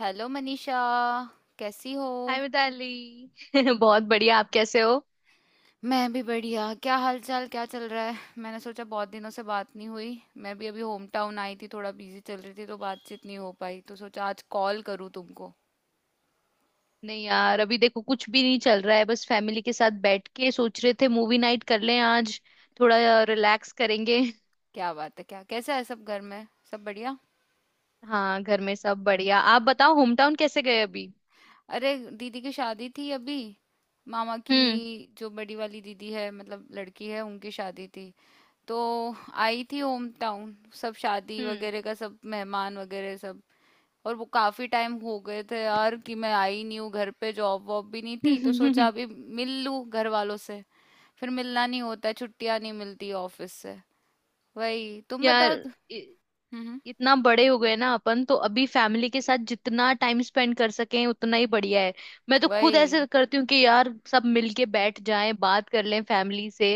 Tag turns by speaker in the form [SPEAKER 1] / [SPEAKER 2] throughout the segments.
[SPEAKER 1] Hello Manisha. कैसी हो।
[SPEAKER 2] Hi Mitali. बहुत बढ़िया, आप कैसे हो।
[SPEAKER 1] मैं भी बढ़िया। क्या हाल चाल, क्या चल रहा है। मैंने सोचा बहुत दिनों से बात नहीं हुई। मैं भी अभी होम टाउन आई थी, थोड़ा बिजी चल रही थी तो बातचीत नहीं हो पाई, तो सोचा आज कॉल करूँ तुमको।
[SPEAKER 2] नहीं यार, अभी देखो कुछ भी नहीं चल रहा है। बस फैमिली के साथ बैठ के सोच रहे थे मूवी नाइट कर लें आज, थोड़ा रिलैक्स करेंगे।
[SPEAKER 1] क्या बात है, क्या कैसा है सब, घर में सब बढ़िया।
[SPEAKER 2] हाँ, घर में सब बढ़िया। आप बताओ होम टाउन कैसे गए अभी।
[SPEAKER 1] अरे दीदी की शादी थी अभी, मामा की,
[SPEAKER 2] हम्म।
[SPEAKER 1] जो बड़ी वाली दीदी है, मतलब लड़की है, उनकी शादी थी। तो आई थी होम टाउन। सब शादी वगैरह का, सब मेहमान वगैरह सब। और वो काफी टाइम हो गए थे यार कि मैं आई नहीं हूँ घर पे, जॉब वॉब भी नहीं थी तो सोचा
[SPEAKER 2] हम्म।
[SPEAKER 1] अभी मिल लूँ घर वालों से। फिर मिलना नहीं होता है, छुट्टियां नहीं मिलती ऑफिस से। वही, तुम
[SPEAKER 2] यार,
[SPEAKER 1] बताओ। हम्म हम्म,
[SPEAKER 2] इतना बड़े हो गए ना अपन, तो अभी फैमिली के साथ जितना टाइम स्पेंड कर सकें उतना ही बढ़िया है। मैं तो खुद ऐसे
[SPEAKER 1] वही।
[SPEAKER 2] करती हूँ कि यार सब मिलके बैठ जाएं, बात कर लें फैमिली से।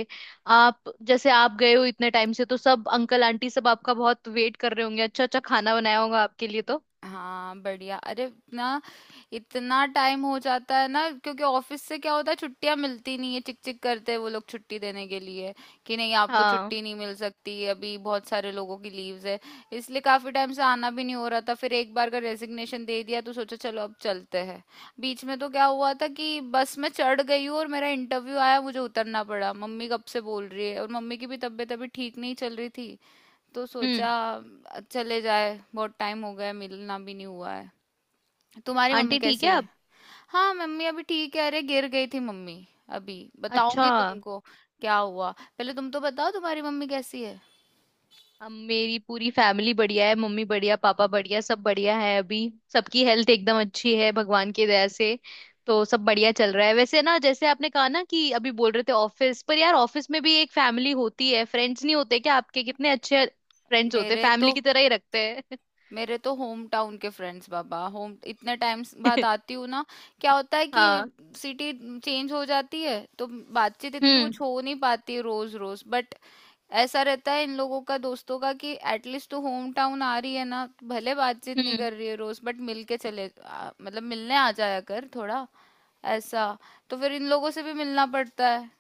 [SPEAKER 2] आप जैसे आप गए हो इतने टाइम से, तो सब अंकल आंटी सब आपका बहुत वेट कर रहे होंगे, अच्छा अच्छा खाना बनाया होगा आपके लिए तो।
[SPEAKER 1] हाँ बढ़िया। अरे ना, इतना टाइम हो जाता है ना, क्योंकि ऑफिस से क्या होता है, छुट्टियां मिलती नहीं है, चिक चिक करते हैं वो लोग छुट्टी देने के लिए कि नहीं आपको
[SPEAKER 2] हाँ।
[SPEAKER 1] छुट्टी नहीं मिल सकती अभी, बहुत सारे लोगों की लीव्स है। इसलिए काफी टाइम से आना भी नहीं हो रहा था। फिर एक बार का रेजिग्नेशन दे दिया तो सोचा चलो अब चलते हैं। बीच में तो क्या हुआ था कि बस में चढ़ गई हूँ और मेरा इंटरव्यू आया, मुझे उतरना पड़ा। मम्मी कब से बोल रही है, और मम्मी की भी तबीयत अभी ठीक नहीं चल रही थी, तो
[SPEAKER 2] हम्म।
[SPEAKER 1] सोचा चले जाए, बहुत टाइम हो गया, मिलना भी नहीं हुआ है। तुम्हारी मम्मी
[SPEAKER 2] आंटी ठीक
[SPEAKER 1] कैसी
[SPEAKER 2] है,
[SPEAKER 1] है।
[SPEAKER 2] आप?
[SPEAKER 1] हाँ मम्मी अभी ठीक है, अरे गिर गई थी मम्मी, अभी
[SPEAKER 2] अच्छा।
[SPEAKER 1] बताऊंगी तुमको क्या हुआ। पहले तुम तो बताओ, तुम्हारी मम्मी कैसी है।
[SPEAKER 2] अब मेरी पूरी फैमिली बढ़िया है, मम्मी बढ़िया, पापा बढ़िया, सब बढ़िया है अभी। सबकी हेल्थ एकदम अच्छी है भगवान की दया से। तो सब बढ़िया चल रहा है वैसे ना। जैसे आपने कहा ना कि अभी बोल रहे थे ऑफिस पर, यार ऑफिस में भी एक फैमिली होती है। फ्रेंड्स नहीं होते क्या आपके? कितने अच्छे फ्रेंड्स होते,
[SPEAKER 1] मेरे
[SPEAKER 2] फैमिली
[SPEAKER 1] तो
[SPEAKER 2] की तरह ही रखते हैं।
[SPEAKER 1] मेरे तो होम टाउन के फ्रेंड्स बाबा, होम इतने टाइम्स बाद आती हूँ ना, क्या होता है कि
[SPEAKER 2] हाँ।
[SPEAKER 1] सिटी चेंज हो जाती है तो बातचीत इतनी
[SPEAKER 2] हम्म
[SPEAKER 1] कुछ हो नहीं पाती रोज रोज, बट ऐसा रहता है इन लोगों का, दोस्तों का, कि एटलीस्ट तू होम टाउन आ रही है ना, भले बातचीत नहीं
[SPEAKER 2] हम्म।
[SPEAKER 1] कर रही है रोज, बट मिल के चले आ, मतलब मिलने आ जाया कर थोड़ा, ऐसा। तो फिर इन लोगों से भी मिलना पड़ता है,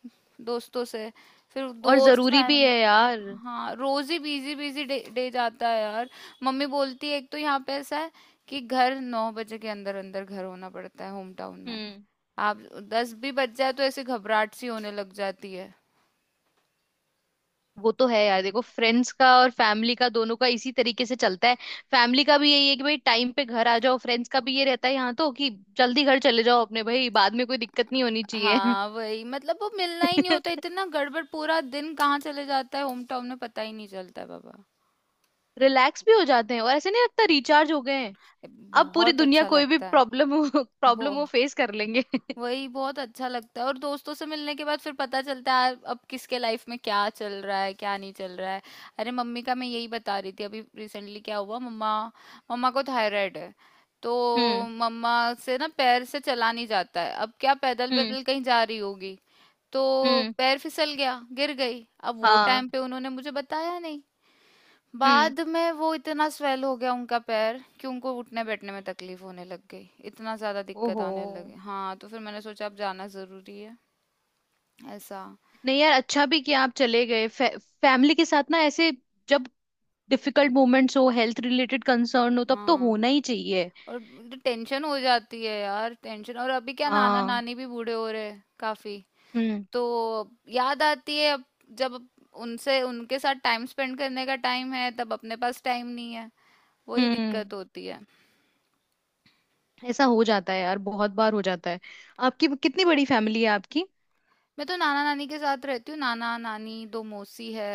[SPEAKER 1] दोस्तों से। फिर
[SPEAKER 2] और
[SPEAKER 1] दोस्त,
[SPEAKER 2] जरूरी भी
[SPEAKER 1] फैमिली।
[SPEAKER 2] है यार।
[SPEAKER 1] हाँ रोज ही बिजी बिजी डे जाता है यार। मम्मी बोलती है, एक तो यहाँ पे ऐसा है कि घर नौ बजे के अंदर अंदर घर होना पड़ता है होम टाउन में।
[SPEAKER 2] हम्म।
[SPEAKER 1] आप दस भी बज जाए तो ऐसे घबराहट सी होने लग जाती है।
[SPEAKER 2] वो तो है यार। देखो फ्रेंड्स का और फैमिली का दोनों का इसी तरीके से चलता है। फैमिली का भी यही है कि भाई टाइम पे घर आ जाओ, फ्रेंड्स का भी ये रहता है यहाँ तो, कि जल्दी घर चले जाओ अपने भाई, बाद में कोई दिक्कत नहीं होनी चाहिए।
[SPEAKER 1] हाँ वही, मतलब वो मिलना ही नहीं होता, इतना गड़बड़, पूरा दिन कहाँ चले जाता है होम टाउन में पता ही नहीं चलता है बाबा।
[SPEAKER 2] रिलैक्स भी हो जाते हैं और ऐसे नहीं लगता, रिचार्ज हो गए हैं। अब पूरी
[SPEAKER 1] बहुत
[SPEAKER 2] दुनिया,
[SPEAKER 1] अच्छा
[SPEAKER 2] कोई भी
[SPEAKER 1] लगता है।
[SPEAKER 2] प्रॉब्लम हो,
[SPEAKER 1] वो
[SPEAKER 2] प्रॉब्लम वो फेस कर लेंगे।
[SPEAKER 1] वही, बहुत अच्छा लगता है, और दोस्तों से मिलने के बाद फिर पता चलता है अब किसके लाइफ में क्या चल रहा है, क्या नहीं चल रहा है। अरे मम्मी का मैं यही बता रही थी, अभी रिसेंटली क्या हुआ, मम्मा, मम्मा को थायराइड है, तो
[SPEAKER 2] हम्म।
[SPEAKER 1] मम्मा से ना पैर से चला नहीं जाता है। अब क्या पैदल
[SPEAKER 2] हम्म।
[SPEAKER 1] पैदल कहीं जा रही होगी, तो
[SPEAKER 2] हम्म।
[SPEAKER 1] पैर फिसल गया, गिर गई। अब वो
[SPEAKER 2] हाँ।
[SPEAKER 1] टाइम पे उन्होंने मुझे बताया नहीं।
[SPEAKER 2] हम्म।
[SPEAKER 1] बाद में वो इतना स्वेल हो गया उनका पैर कि उनको उठने बैठने में तकलीफ होने लग गई, इतना ज्यादा दिक्कत
[SPEAKER 2] ओहो।
[SPEAKER 1] आने लगे। हाँ तो फिर मैंने सोचा अब जाना जरूरी है, ऐसा।
[SPEAKER 2] नहीं यार, अच्छा भी किया आप चले गए। फैमिली के साथ ना ऐसे, जब डिफिकल्ट मोमेंट्स हो, हेल्थ रिलेटेड कंसर्न हो, तब तो
[SPEAKER 1] हाँ
[SPEAKER 2] होना ही चाहिए।
[SPEAKER 1] और टेंशन हो जाती है यार, टेंशन। और अभी क्या नाना
[SPEAKER 2] हाँ।
[SPEAKER 1] नानी भी बूढ़े हो रहे हैं काफी,
[SPEAKER 2] हम्म।
[SPEAKER 1] तो याद आती है अब, जब उनसे, उनके साथ टाइम स्पेंड करने का टाइम है तब अपने पास टाइम नहीं है। वही
[SPEAKER 2] हम्म।
[SPEAKER 1] दिक्कत होती है।
[SPEAKER 2] ऐसा हो जाता है यार, बहुत बार हो जाता है। आपकी कितनी बड़ी फैमिली है आपकी?
[SPEAKER 1] मैं तो नाना नानी के साथ रहती हूँ, नाना नानी, दो मौसी है।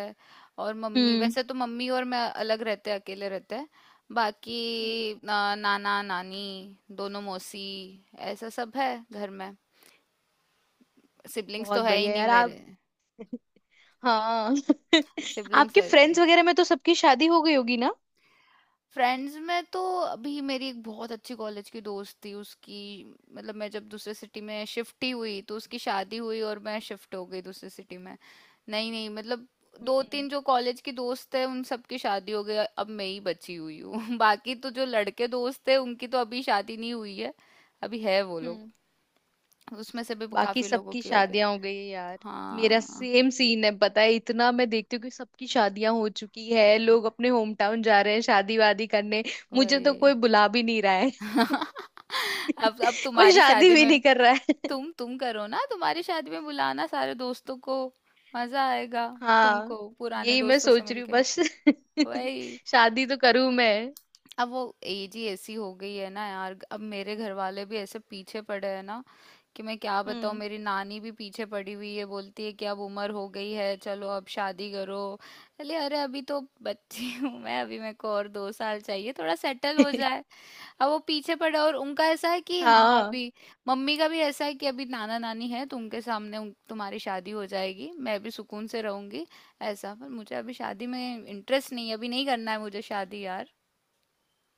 [SPEAKER 1] और मम्मी,
[SPEAKER 2] हम्म।
[SPEAKER 1] वैसे तो मम्मी और मैं अलग रहते हैं, अकेले रहते हैं।
[SPEAKER 2] हम्म।
[SPEAKER 1] बाकी ना, नाना नानी, दोनों मौसी, ऐसा सब है घर में। सिबलिंग्स तो
[SPEAKER 2] बहुत
[SPEAKER 1] है ही
[SPEAKER 2] बढ़िया
[SPEAKER 1] नहीं
[SPEAKER 2] यार
[SPEAKER 1] मेरे।
[SPEAKER 2] आप। हाँ।
[SPEAKER 1] सिबलिंग्स
[SPEAKER 2] आपके
[SPEAKER 1] है,
[SPEAKER 2] फ्रेंड्स वगैरह में तो सबकी शादी हो गई होगी ना?
[SPEAKER 1] फ्रेंड्स में तो अभी मेरी एक बहुत अच्छी कॉलेज की दोस्त थी उसकी, मतलब मैं जब दूसरे सिटी में शिफ्ट ही हुई तो उसकी शादी हुई और मैं शिफ्ट हो गई दूसरे सिटी में। नहीं नहीं मतलब दो
[SPEAKER 2] हम्म।
[SPEAKER 1] तीन जो कॉलेज की दोस्त है उन सबकी शादी हो गई, अब मैं ही बची हुई हूँ। बाकी तो जो लड़के दोस्त है उनकी तो अभी शादी नहीं हुई है, अभी है वो लोग,
[SPEAKER 2] हम्म।
[SPEAKER 1] उसमें से भी
[SPEAKER 2] बाकी
[SPEAKER 1] काफी लोगों
[SPEAKER 2] सबकी
[SPEAKER 1] की हो गई।
[SPEAKER 2] शादियां हो गई है यार। मेरा
[SPEAKER 1] हाँ,
[SPEAKER 2] सेम सीन है, पता है। इतना मैं देखती हूँ कि सबकी शादियां हो चुकी है,
[SPEAKER 1] हाँ,
[SPEAKER 2] लोग अपने होम टाउन जा रहे हैं शादी वादी करने। मुझे तो
[SPEAKER 1] वही।
[SPEAKER 2] कोई बुला भी नहीं रहा।
[SPEAKER 1] अब
[SPEAKER 2] कोई
[SPEAKER 1] तुम्हारी
[SPEAKER 2] शादी
[SPEAKER 1] शादी
[SPEAKER 2] भी
[SPEAKER 1] में,
[SPEAKER 2] नहीं कर रहा है।
[SPEAKER 1] तुम करो ना, तुम्हारी शादी में बुलाना सारे दोस्तों को, मजा आएगा
[SPEAKER 2] हाँ,
[SPEAKER 1] तुमको पुराने
[SPEAKER 2] यही मैं
[SPEAKER 1] दोस्तों से
[SPEAKER 2] सोच रही हूँ
[SPEAKER 1] मिलके।
[SPEAKER 2] बस।
[SPEAKER 1] वही।
[SPEAKER 2] शादी तो करूं मैं।
[SPEAKER 1] अब वो एज ही ऐसी हो गई है ना यार, अब मेरे घर वाले भी ऐसे पीछे पड़े हैं ना, कि मैं क्या बताऊँ,
[SPEAKER 2] हम्म।
[SPEAKER 1] मेरी नानी भी पीछे पड़ी हुई है, बोलती है कि अब उम्र हो गई है, चलो अब शादी करो। अरे अरे अभी तो बच्ची हूँ मैं, अभी मेरे को और दो साल चाहिए, थोड़ा सेटल हो जाए। अब वो पीछे पड़े और उनका ऐसा है कि हाँ
[SPEAKER 2] हाँ,
[SPEAKER 1] अभी, मम्मी का भी ऐसा है कि अभी नाना नानी है तो उनके सामने तुम्हारी शादी हो जाएगी, मैं भी सुकून से रहूंगी, ऐसा। पर मुझे अभी शादी में इंटरेस्ट नहीं है, अभी नहीं करना है मुझे शादी यार।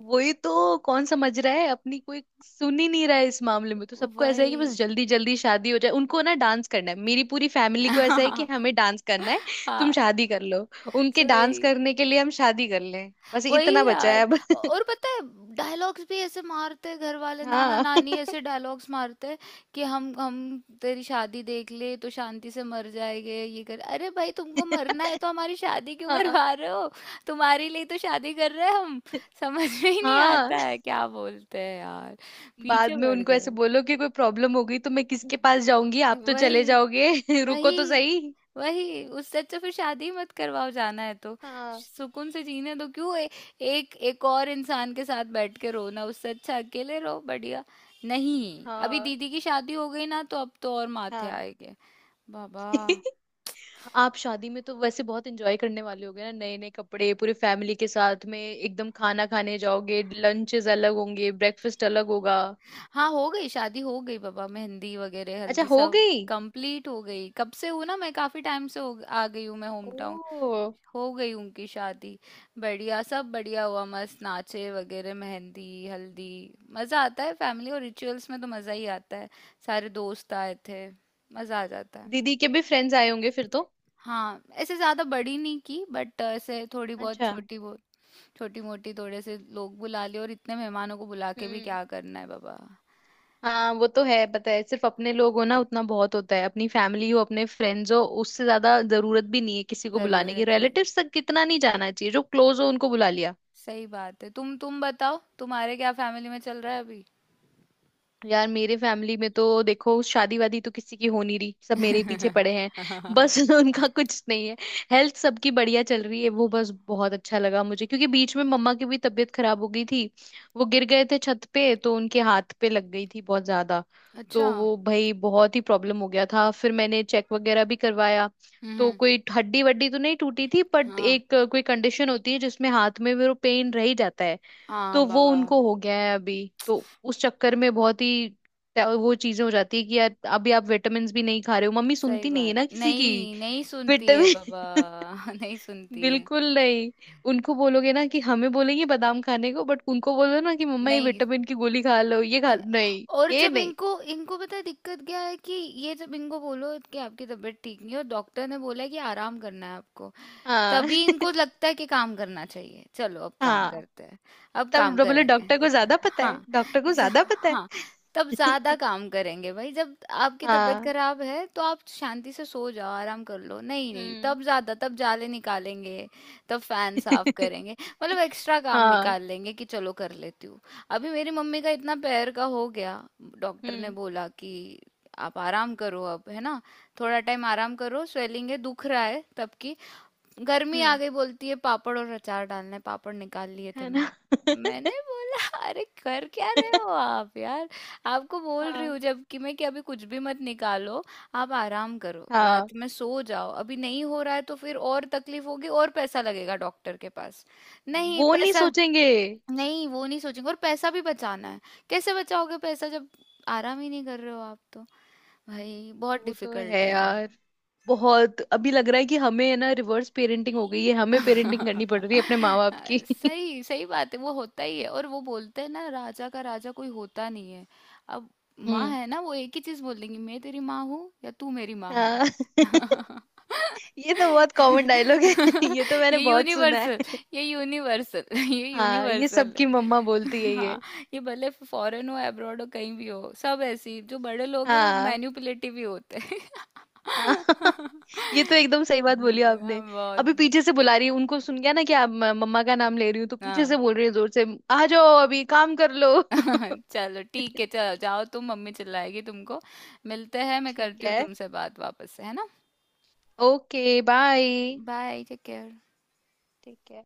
[SPEAKER 2] वही तो। कौन समझ रहा है? अपनी कोई सुन ही नहीं रहा है इस मामले में, तो सबको ऐसा है कि बस
[SPEAKER 1] वही।
[SPEAKER 2] जल्दी जल्दी शादी हो जाए, उनको ना डांस करना है। मेरी पूरी फैमिली को ऐसा है कि हमें डांस करना है। तुम
[SPEAKER 1] हाँ
[SPEAKER 2] शादी कर लो, उनके डांस
[SPEAKER 1] सही,
[SPEAKER 2] करने के लिए हम शादी कर लें। बस
[SPEAKER 1] वही
[SPEAKER 2] इतना बचा है
[SPEAKER 1] यार।
[SPEAKER 2] अब।
[SPEAKER 1] और पता है, डायलॉग्स भी ऐसे मारते हैं घर वाले, नाना
[SPEAKER 2] हाँ।
[SPEAKER 1] नानी ऐसे डायलॉग्स मारते हैं कि हम तेरी शादी देख ले तो शांति से मर जाएंगे, ये कर। अरे भाई तुमको मरना है तो हमारी शादी क्यों
[SPEAKER 2] हाँ।
[SPEAKER 1] करवा रहे हो। तुम्हारे लिए तो शादी कर रहे हैं हम। समझ में ही नहीं
[SPEAKER 2] हाँ।
[SPEAKER 1] आता है क्या बोलते हैं यार,
[SPEAKER 2] बाद
[SPEAKER 1] पीछे
[SPEAKER 2] में
[SPEAKER 1] पड़
[SPEAKER 2] उनको ऐसे
[SPEAKER 1] गए।
[SPEAKER 2] बोलो कि कोई प्रॉब्लम हो गई तो मैं किसके पास जाऊंगी, आप तो चले
[SPEAKER 1] वही
[SPEAKER 2] जाओगे। रुको तो
[SPEAKER 1] वही
[SPEAKER 2] सही।
[SPEAKER 1] वही, उससे अच्छा फिर शादी मत करवाओ जाना है तो,
[SPEAKER 2] हाँ।
[SPEAKER 1] सुकून से जीने दो। क्यों एक एक और इंसान के साथ बैठ के रोना, उससे अच्छा अकेले रहो, बढ़िया। नहीं अभी
[SPEAKER 2] हाँ।
[SPEAKER 1] दीदी की शादी हो गई ना तो अब तो और माथे
[SPEAKER 2] हाँ।
[SPEAKER 1] आएंगे बाबा।
[SPEAKER 2] आप शादी में तो वैसे बहुत एंजॉय करने वाले होगे ना, नए नए कपड़े, पूरी फैमिली के साथ में एकदम खाना खाने जाओगे, लंचेस अलग होंगे, ब्रेकफास्ट अलग होगा।
[SPEAKER 1] हाँ हो गई, शादी हो गई बाबा, मेहंदी वगैरह,
[SPEAKER 2] अच्छा,
[SPEAKER 1] हल्दी
[SPEAKER 2] हो
[SPEAKER 1] सब
[SPEAKER 2] गई।
[SPEAKER 1] कंप्लीट हो गई, कब से हूँ ना मैं, काफी टाइम से आ गई हूँ मैं होम टाउन।
[SPEAKER 2] ओ।
[SPEAKER 1] हो गई उनकी शादी। बढ़िया, सब बढ़िया हुआ, मस्त नाचे वगैरह, मेहंदी हल्दी, मज़ा आता है, फैमिली और रिचुअल्स में तो मज़ा ही आता है। सारे दोस्त आए थे, मज़ा आ जाता है।
[SPEAKER 2] दीदी के भी फ्रेंड्स आए होंगे फिर तो?
[SPEAKER 1] हाँ ऐसे ज़्यादा बड़ी नहीं की, बट ऐसे थोड़ी बहुत
[SPEAKER 2] अच्छा।
[SPEAKER 1] छोटी, बहुत छोटी मोटी, थोड़े से लोग बुला लिए, और इतने मेहमानों को बुला के भी
[SPEAKER 2] हम्म।
[SPEAKER 1] क्या करना है बाबा,
[SPEAKER 2] हाँ, वो तो है। पता है, सिर्फ अपने लोग हो ना उतना बहुत होता है। अपनी फैमिली हो, अपने फ्रेंड्स हो, उससे ज्यादा जरूरत भी नहीं है किसी को बुलाने की।
[SPEAKER 1] जरूरत नहीं।
[SPEAKER 2] रिलेटिव्स तक कितना नहीं जाना चाहिए, जो क्लोज हो उनको बुला लिया।
[SPEAKER 1] सही बात है। तुम बताओ, तुम्हारे क्या फैमिली में चल रहा है अभी।
[SPEAKER 2] यार मेरे फैमिली में तो देखो, शादी वादी तो किसी की हो नहीं रही, सब मेरे ही पीछे पड़े हैं बस। उनका कुछ नहीं है। हेल्थ सबकी बढ़िया चल रही है। वो बस बहुत अच्छा लगा मुझे, क्योंकि बीच में मम्मा की भी तबीयत खराब हो गई थी। वो गिर गए थे छत पे, तो उनके हाथ पे लग गई थी बहुत ज्यादा। तो
[SPEAKER 1] अच्छा।
[SPEAKER 2] वो भाई बहुत ही प्रॉब्लम हो गया था, फिर मैंने चेक वगैरह भी करवाया। तो
[SPEAKER 1] हम्म।
[SPEAKER 2] कोई हड्डी वड्डी तो नहीं टूटी थी, बट
[SPEAKER 1] हाँ।
[SPEAKER 2] एक कोई कंडीशन होती है जिसमें हाथ में वो पेन रह ही जाता है।
[SPEAKER 1] हाँ
[SPEAKER 2] तो वो
[SPEAKER 1] बाबा
[SPEAKER 2] उनको हो गया है अभी। तो उस चक्कर में बहुत ही वो चीजें हो जाती है कि यार अभी आप विटामिन भी नहीं खा रहे हो। मम्मी
[SPEAKER 1] सही
[SPEAKER 2] सुनती नहीं है
[SPEAKER 1] बात है,
[SPEAKER 2] ना किसी की।
[SPEAKER 1] नहीं नहीं सुनती है बाबा।
[SPEAKER 2] विटामिन।
[SPEAKER 1] नहीं सुनती है।
[SPEAKER 2] बिल्कुल नहीं। उनको बोलोगे ना कि हमें बोलेंगे बादाम खाने को, बट उनको बोलो ना कि मम्मा ये
[SPEAKER 1] नहीं,
[SPEAKER 2] विटामिन की गोली खा लो, ये खा
[SPEAKER 1] नहीं,
[SPEAKER 2] नहीं।
[SPEAKER 1] और
[SPEAKER 2] ये
[SPEAKER 1] जब
[SPEAKER 2] नहीं।
[SPEAKER 1] इनको, इनको पता है दिक्कत क्या है कि ये जब इनको बोलो कि आपकी तबीयत ठीक नहीं है और डॉक्टर ने बोला है कि आराम करना है आपको,
[SPEAKER 2] हाँ।
[SPEAKER 1] तभी इनको लगता है कि काम करना चाहिए, चलो अब काम
[SPEAKER 2] हाँ,
[SPEAKER 1] करते हैं, अब
[SPEAKER 2] तब
[SPEAKER 1] काम
[SPEAKER 2] बोले
[SPEAKER 1] करेंगे।
[SPEAKER 2] डॉक्टर को ज्यादा पता
[SPEAKER 1] हाँ।
[SPEAKER 2] है, डॉक्टर को
[SPEAKER 1] ज-
[SPEAKER 2] ज्यादा पता है।
[SPEAKER 1] हाँ, तब ज्यादा काम करेंगे भाई। जब आपकी तबीयत
[SPEAKER 2] हाँ।
[SPEAKER 1] खराब है तो आप शांति से सो जाओ, आराम कर लो। नहीं नहीं,
[SPEAKER 2] हम्म।
[SPEAKER 1] तब ज्यादा, तब जाले निकालेंगे, तब फैन साफ करेंगे, मतलब एक्स्ट्रा काम
[SPEAKER 2] हाँ।
[SPEAKER 1] निकाल लेंगे कि चलो कर लेती हूँ। अभी मेरी मम्मी का इतना पैर का हो गया, डॉक्टर ने
[SPEAKER 2] हम्म।
[SPEAKER 1] बोला कि आप आराम करो अब है ना, थोड़ा टाइम आराम करो, स्वेलिंग है, दुख रहा है। तब की गर्मी आ
[SPEAKER 2] हम्म।
[SPEAKER 1] गई, बोलती है पापड़ और अचार डालना है, पापड़ निकाल लिए थे।
[SPEAKER 2] है ना।
[SPEAKER 1] मैंने, मैंने बोला अरे कर क्या रहे हो आप यार, आपको बोल रही
[SPEAKER 2] हाँ।
[SPEAKER 1] हूँ जबकि मैं कि अभी कुछ भी मत निकालो, आप आराम करो,
[SPEAKER 2] हाँ।
[SPEAKER 1] रात में सो जाओ, अभी नहीं हो रहा है तो फिर और तकलीफ होगी और पैसा लगेगा डॉक्टर के पास। नहीं
[SPEAKER 2] वो नहीं
[SPEAKER 1] पैसा,
[SPEAKER 2] सोचेंगे।
[SPEAKER 1] नहीं, वो नहीं सोचेंगे और पैसा भी बचाना है। कैसे बचाओगे पैसा जब आराम ही नहीं कर रहे हो आप तो। भाई बहुत
[SPEAKER 2] वो तो है
[SPEAKER 1] डिफिकल्ट है।
[SPEAKER 2] यार। बहुत अभी लग रहा है कि हमें है ना रिवर्स पेरेंटिंग हो गई है, हमें पेरेंटिंग करनी पड़ रही है अपने माँ बाप की।
[SPEAKER 1] सही, सही बात है, वो होता ही है। और वो बोलते हैं ना, राजा का राजा कोई होता नहीं है। अब माँ
[SPEAKER 2] हम्म।
[SPEAKER 1] है ना, वो एक ही चीज बोल देंगी, मैं तेरी माँ हूँ या तू मेरी माँ है।
[SPEAKER 2] हाँ। ये तो बहुत कॉमन डायलॉग है। ये तो मैंने
[SPEAKER 1] ये
[SPEAKER 2] बहुत सुना
[SPEAKER 1] यूनिवर्सल,
[SPEAKER 2] है।
[SPEAKER 1] ये
[SPEAKER 2] हाँ, ये
[SPEAKER 1] यूनिवर्सल है।
[SPEAKER 2] सबकी मम्मा बोलती है ये।
[SPEAKER 1] हाँ, ये भले फॉरेन हो, अब्रॉड हो, कहीं भी हो, सब ऐसे ही, जो बड़े लोग हैं वो
[SPEAKER 2] हाँ।
[SPEAKER 1] मैन्युपुलेटिव ही होते हैं।
[SPEAKER 2] हाँ। ये तो एकदम सही बात बोली
[SPEAKER 1] हाँ,
[SPEAKER 2] आपने।
[SPEAKER 1] बहुत।
[SPEAKER 2] अभी पीछे से बुला रही है। उनको सुन गया ना कि आप, मम्मा का नाम ले रही हूँ, तो पीछे
[SPEAKER 1] हाँ।
[SPEAKER 2] से बोल रही है जोर से, आ जाओ अभी काम कर लो।
[SPEAKER 1] चलो ठीक है, चलो जाओ तुम, मम्मी चिल्लाएगी तुमको। मिलते हैं, मैं
[SPEAKER 2] ठीक
[SPEAKER 1] करती हूँ
[SPEAKER 2] है।
[SPEAKER 1] तुमसे बात वापस से, है ना।
[SPEAKER 2] Okay, bye.
[SPEAKER 1] Bye, take care.
[SPEAKER 2] ठीक है।